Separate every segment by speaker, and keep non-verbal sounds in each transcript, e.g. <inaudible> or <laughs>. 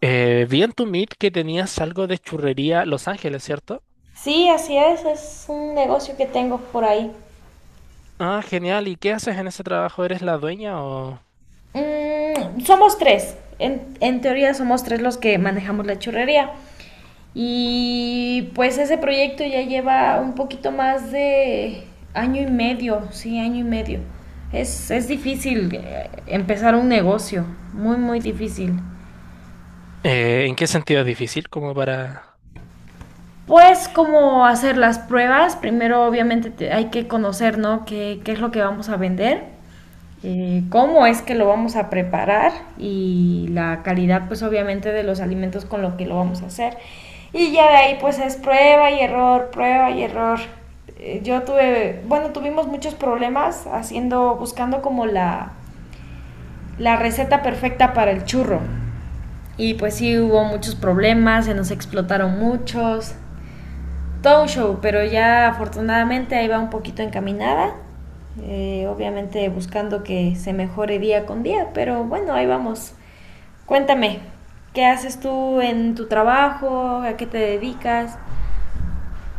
Speaker 1: Vi en tu Meet que tenías algo de churrería Los Ángeles, ¿cierto?
Speaker 2: Sí, así es un negocio que tengo por ahí.
Speaker 1: Ah, genial. ¿Y qué haces en ese trabajo? ¿Eres la dueña o
Speaker 2: Somos tres, en teoría somos tres los que manejamos la churrería. Y pues ese proyecto ya lleva un poquito más de año y medio, sí, año y medio. Es difícil empezar un negocio, muy, muy difícil.
Speaker 1: ¿En qué sentido es difícil? Como para...
Speaker 2: Pues cómo hacer las pruebas, primero obviamente hay que conocer, ¿no? ¿Qué es lo que vamos a vender? Cómo es que lo vamos a preparar y la calidad pues obviamente de los alimentos con lo que lo vamos a hacer. Y ya de ahí pues es prueba y error, prueba y error. Bueno, tuvimos muchos problemas haciendo, buscando como la receta perfecta para el churro. Y pues sí hubo muchos problemas, se nos explotaron muchos, todo un show, pero ya afortunadamente ahí va un poquito encaminada. Obviamente buscando que se mejore día con día, pero bueno, ahí vamos. Cuéntame, ¿qué haces tú en tu trabajo? ¿A qué te dedicas?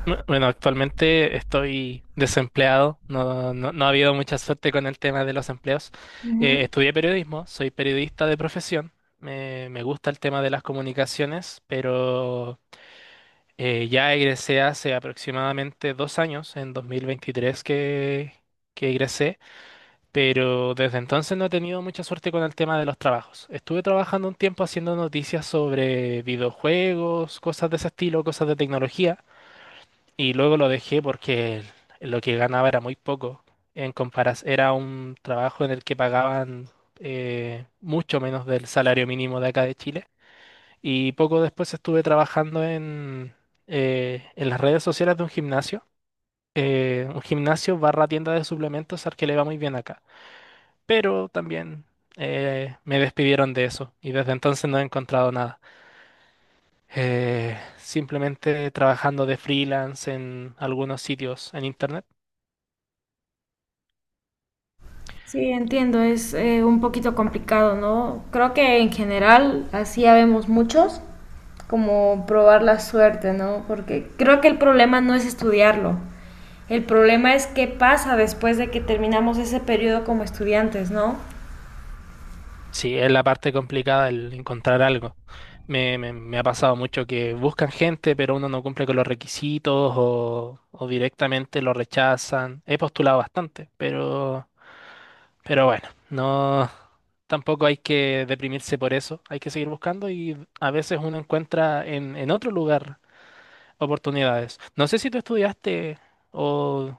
Speaker 1: Bueno, actualmente estoy desempleado. No, no, no ha habido mucha suerte con el tema de los empleos. Eh,
Speaker 2: Ujú.
Speaker 1: estudié periodismo, soy periodista de profesión. Me gusta el tema de las comunicaciones, pero ya egresé hace aproximadamente 2 años, en 2023 que egresé. Pero desde entonces no he tenido mucha suerte con el tema de los trabajos. Estuve trabajando un tiempo haciendo noticias sobre videojuegos, cosas de ese estilo, cosas de tecnología, y luego lo dejé porque lo que ganaba era muy poco. En comparas, era un trabajo en el que pagaban mucho menos del salario mínimo de acá de Chile. Y poco después estuve trabajando en las redes sociales de un gimnasio barra tienda de suplementos al que le va muy bien acá, pero también me despidieron de eso y desde entonces no he encontrado nada. Simplemente trabajando de freelance en algunos sitios en internet.
Speaker 2: Sí, entiendo, es un poquito complicado, ¿no? Creo que en general así ya vemos muchos, como probar la suerte, ¿no? Porque creo que el problema no es estudiarlo, el problema es qué pasa después de que terminamos ese periodo como estudiantes, ¿no?
Speaker 1: Sí, es la parte complicada el encontrar algo. Me ha pasado mucho que buscan gente, pero uno no cumple con los requisitos o directamente lo rechazan. He postulado bastante, pero bueno, no, tampoco hay que deprimirse por eso. Hay que seguir buscando y a veces uno encuentra en otro lugar oportunidades. ¿No sé si tú estudiaste o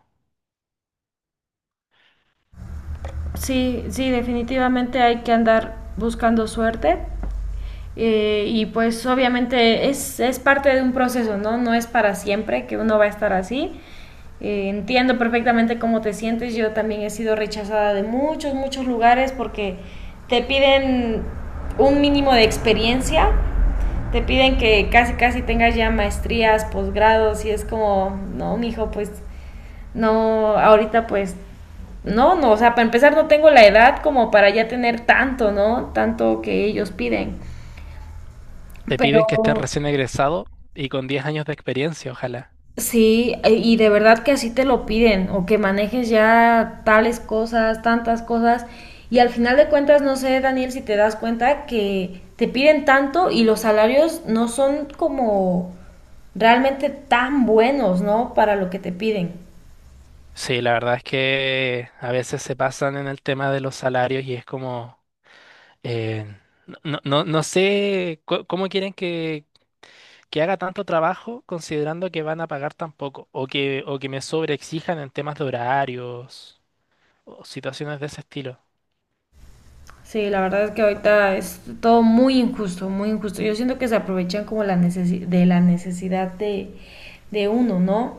Speaker 2: Sí, sí, definitivamente hay que andar buscando suerte. Y pues obviamente es parte de un proceso, ¿no? No es para siempre que uno va a estar así. Entiendo perfectamente cómo te sientes. Yo también he sido rechazada de muchos, muchos lugares porque te piden un mínimo de experiencia. Te piden que casi, casi tengas ya maestrías, posgrados y es como, no, mijo, pues no, ahorita pues no, no, o sea, para empezar no tengo la edad como para ya tener tanto, ¿no? Tanto que ellos piden.
Speaker 1: te piden
Speaker 2: Pero
Speaker 1: que estés recién egresado y con 10 años de experiencia? Ojalá.
Speaker 2: sí, y de verdad que así te lo piden, o que manejes ya tales cosas, tantas cosas, y al final de cuentas, no sé, Daniel, si te das cuenta que te piden tanto y los salarios no son como realmente tan buenos, ¿no? Para lo que te piden.
Speaker 1: Sí, la verdad es que a veces se pasan en el tema de los salarios y es como, eh, no, no, no sé cómo quieren que haga tanto trabajo considerando que van a pagar tan poco o que me sobreexijan en temas de horarios o situaciones de ese estilo.
Speaker 2: Sí, la verdad es que ahorita es todo muy injusto, muy injusto. Yo siento que se aprovechan como la de la necesidad de uno, ¿no?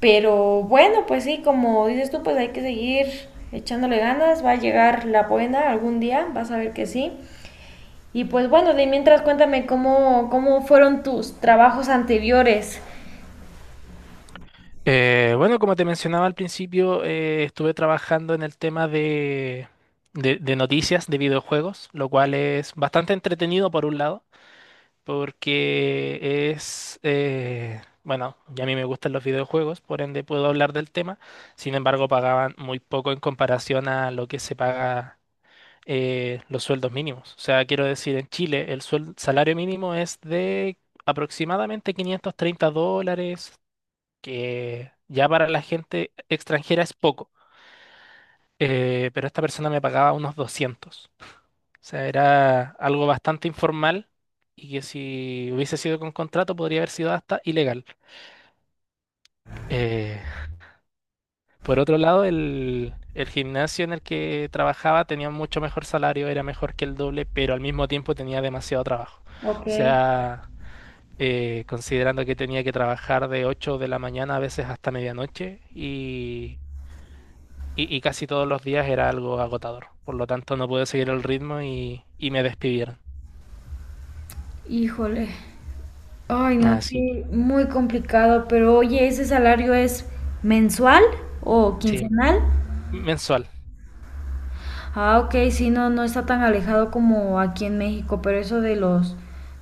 Speaker 2: Pero bueno, pues sí, como dices tú, pues hay que seguir echándole ganas, va a llegar la buena algún día, vas a ver que sí. Y pues bueno, de mientras cuéntame cómo fueron tus trabajos anteriores.
Speaker 1: Bueno, como te mencionaba al principio, estuve trabajando en el tema de noticias de videojuegos, lo cual es bastante entretenido por un lado, porque bueno, ya a mí me gustan los videojuegos, por ende puedo hablar del tema, sin embargo pagaban muy poco en comparación a lo que se paga los sueldos mínimos. O sea, quiero decir, en Chile el salario mínimo es de aproximadamente 530 dólares, que ya para la gente extranjera es poco. Pero esta persona me pagaba unos 200. O sea, era algo bastante informal y que si hubiese sido con contrato podría haber sido hasta ilegal. Eh, Por otro lado, el gimnasio en el que trabajaba tenía mucho mejor salario, era mejor que el doble, pero al mismo tiempo tenía demasiado trabajo. O
Speaker 2: Ok.
Speaker 1: sea, considerando que tenía que trabajar de 8 de la mañana a veces hasta medianoche y casi todos los días era algo agotador. Por lo tanto, no pude seguir el ritmo y me despidieron.
Speaker 2: Híjole. Ay, no,
Speaker 1: Así que,
Speaker 2: sí, muy complicado, pero oye, ¿ese salario es mensual o
Speaker 1: sí,
Speaker 2: quincenal?
Speaker 1: mensual.
Speaker 2: Ah, ok, sí, no, no está tan alejado como aquí en México, pero eso de los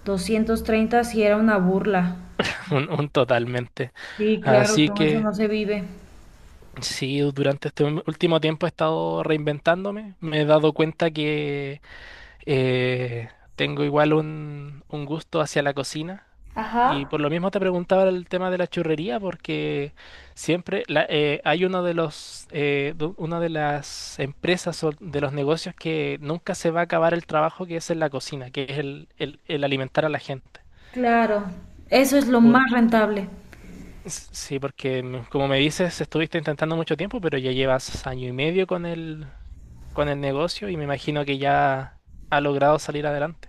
Speaker 2: 230 sí era una burla.
Speaker 1: <laughs> Un totalmente.
Speaker 2: Sí, claro,
Speaker 1: Así
Speaker 2: con eso
Speaker 1: que...
Speaker 2: no se vive.
Speaker 1: Sí, durante este último tiempo he estado reinventándome. Me he dado cuenta que eh, tengo igual un gusto hacia la cocina. Y
Speaker 2: Ajá.
Speaker 1: por lo mismo te preguntaba el tema de la churrería, porque siempre hay uno de los, du- una de las empresas o de los negocios que nunca se va a acabar el trabajo que es en la cocina, que es el alimentar a la gente.
Speaker 2: Claro, eso es lo
Speaker 1: Por-
Speaker 2: más rentable.
Speaker 1: sí, porque como me dices, estuviste intentando mucho tiempo, pero ya llevas año y medio con el, negocio y me imagino que ya ha logrado salir adelante.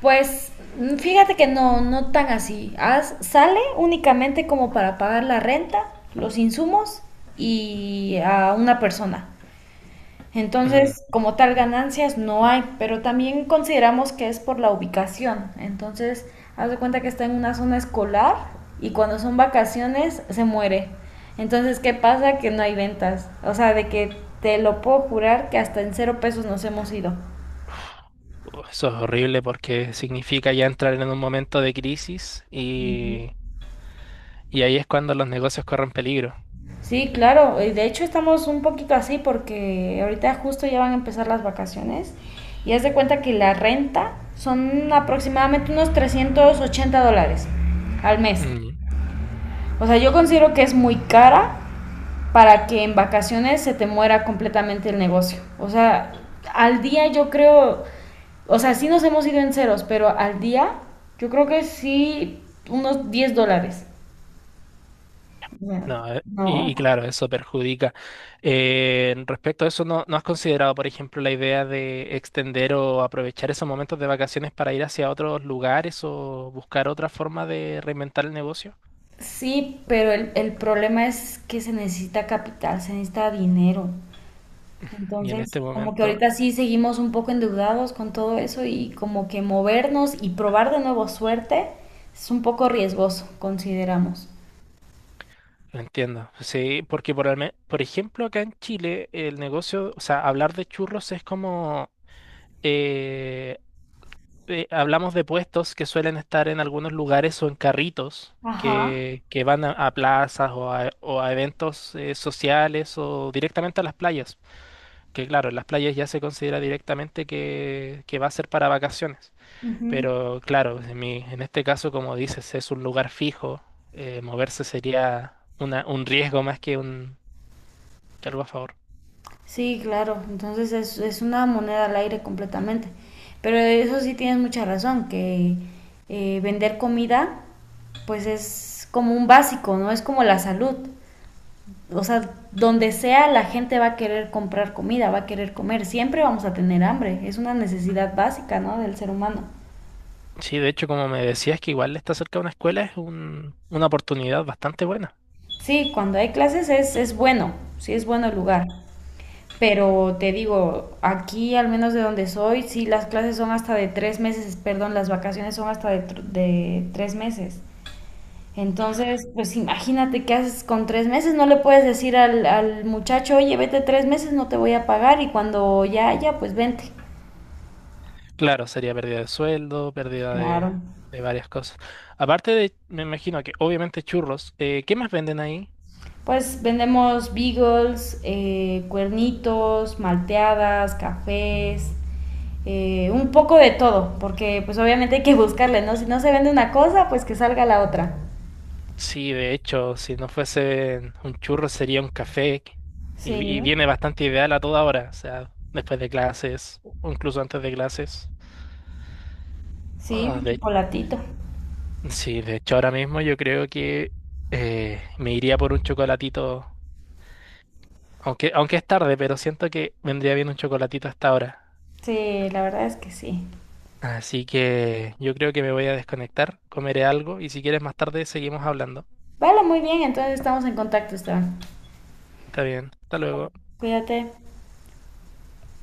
Speaker 2: Pues fíjate que no, no tan así. Sale únicamente como para pagar la renta, los insumos y a una persona.
Speaker 1: Mm,
Speaker 2: Entonces, como tal, ganancias no hay, pero también consideramos que es por la ubicación. Entonces, haz de cuenta que está en una zona escolar y cuando son vacaciones se muere. Entonces, ¿qué pasa? Que no hay ventas. O sea, de que te lo puedo jurar que hasta en 0 pesos nos hemos ido.
Speaker 1: Eso es horrible porque significa ya entrar en un momento de crisis
Speaker 2: Ujú.
Speaker 1: y ahí es cuando los negocios corren peligro.
Speaker 2: Sí, claro. Y de hecho, estamos un poquito así porque ahorita justo ya van a empezar las vacaciones y haz de cuenta que la renta son aproximadamente unos 380 dólares al mes.
Speaker 1: Mm.
Speaker 2: O sea, yo considero que es muy cara para que en vacaciones se te muera completamente el negocio. O sea, al día yo creo, o sea, sí nos hemos ido en ceros, pero al día yo creo que sí unos 10 dólares.
Speaker 1: No, y
Speaker 2: No.
Speaker 1: claro, eso perjudica. Respecto a eso, ¿no, no has considerado, por ejemplo, la idea de extender o aprovechar esos momentos de vacaciones para ir hacia otros lugares o buscar otra forma de reinventar el negocio?
Speaker 2: Sí, pero el problema es que se necesita capital, se necesita dinero.
Speaker 1: Y en
Speaker 2: Entonces,
Speaker 1: este
Speaker 2: como que
Speaker 1: momento...
Speaker 2: ahorita sí seguimos un poco endeudados con todo eso y como que movernos y probar de nuevo suerte es un poco riesgoso, consideramos.
Speaker 1: Entiendo. Sí, porque por, alme- por ejemplo acá en Chile el negocio, o sea, hablar de churros es como eh, hablamos de puestos que suelen estar en algunos lugares o en carritos
Speaker 2: Ajá.
Speaker 1: que van a plazas o a eventos sociales o directamente a las playas. Que claro, en las playas ya se considera directamente que va a ser para vacaciones.
Speaker 2: Ujú.
Speaker 1: Pero claro, en este caso, como dices, es un lugar fijo. Moverse sería un riesgo más que un algo a favor.
Speaker 2: Sí, claro. Entonces es una moneda al aire completamente. Pero eso sí tienes mucha razón, que vender comida pues es como un básico, ¿no? Es como la salud. O sea, donde sea la gente va a querer comprar comida, va a querer comer, siempre vamos a tener hambre, es una necesidad básica, ¿no? Del ser humano.
Speaker 1: Sí, de hecho, como me decías que igual está cerca de una escuela, es una oportunidad bastante buena.
Speaker 2: Sí, cuando hay clases es bueno, sí es bueno el lugar, pero te digo, aquí al menos de donde soy, sí las clases son hasta de 3 meses, perdón, las vacaciones son hasta de 3 meses. Entonces, pues imagínate qué haces con 3 meses, no le puedes decir al muchacho, oye, vete 3 meses, no te voy a pagar y cuando ya haya, pues vente.
Speaker 1: Claro, sería pérdida de sueldo, pérdida de,
Speaker 2: Claro.
Speaker 1: de varias cosas. Aparte de, me imagino que obviamente churros, ¿qué más venden ahí?
Speaker 2: Pues vendemos beagles, cuernitos, malteadas, cafés, un poco de todo, porque pues obviamente hay que buscarle, ¿no? Si no se vende una cosa, pues que salga la otra.
Speaker 1: Sí, de hecho, si no fuese un churro sería un café y
Speaker 2: Sí,
Speaker 1: viene bastante ideal a toda hora, o sea, después de clases o incluso antes de clases.
Speaker 2: sí,
Speaker 1: Ah,
Speaker 2: un chocolatito.
Speaker 1: sí, de hecho ahora mismo yo creo que me iría por un chocolatito. Aunque es tarde, pero siento que vendría bien un chocolatito hasta ahora.
Speaker 2: Sí, la verdad es que sí.
Speaker 1: Así que yo creo que me voy a desconectar, comeré algo y si quieres más tarde seguimos hablando.
Speaker 2: Vale, muy bien, entonces estamos en contacto, Esteban.
Speaker 1: Está bien, hasta luego.
Speaker 2: Cuídate.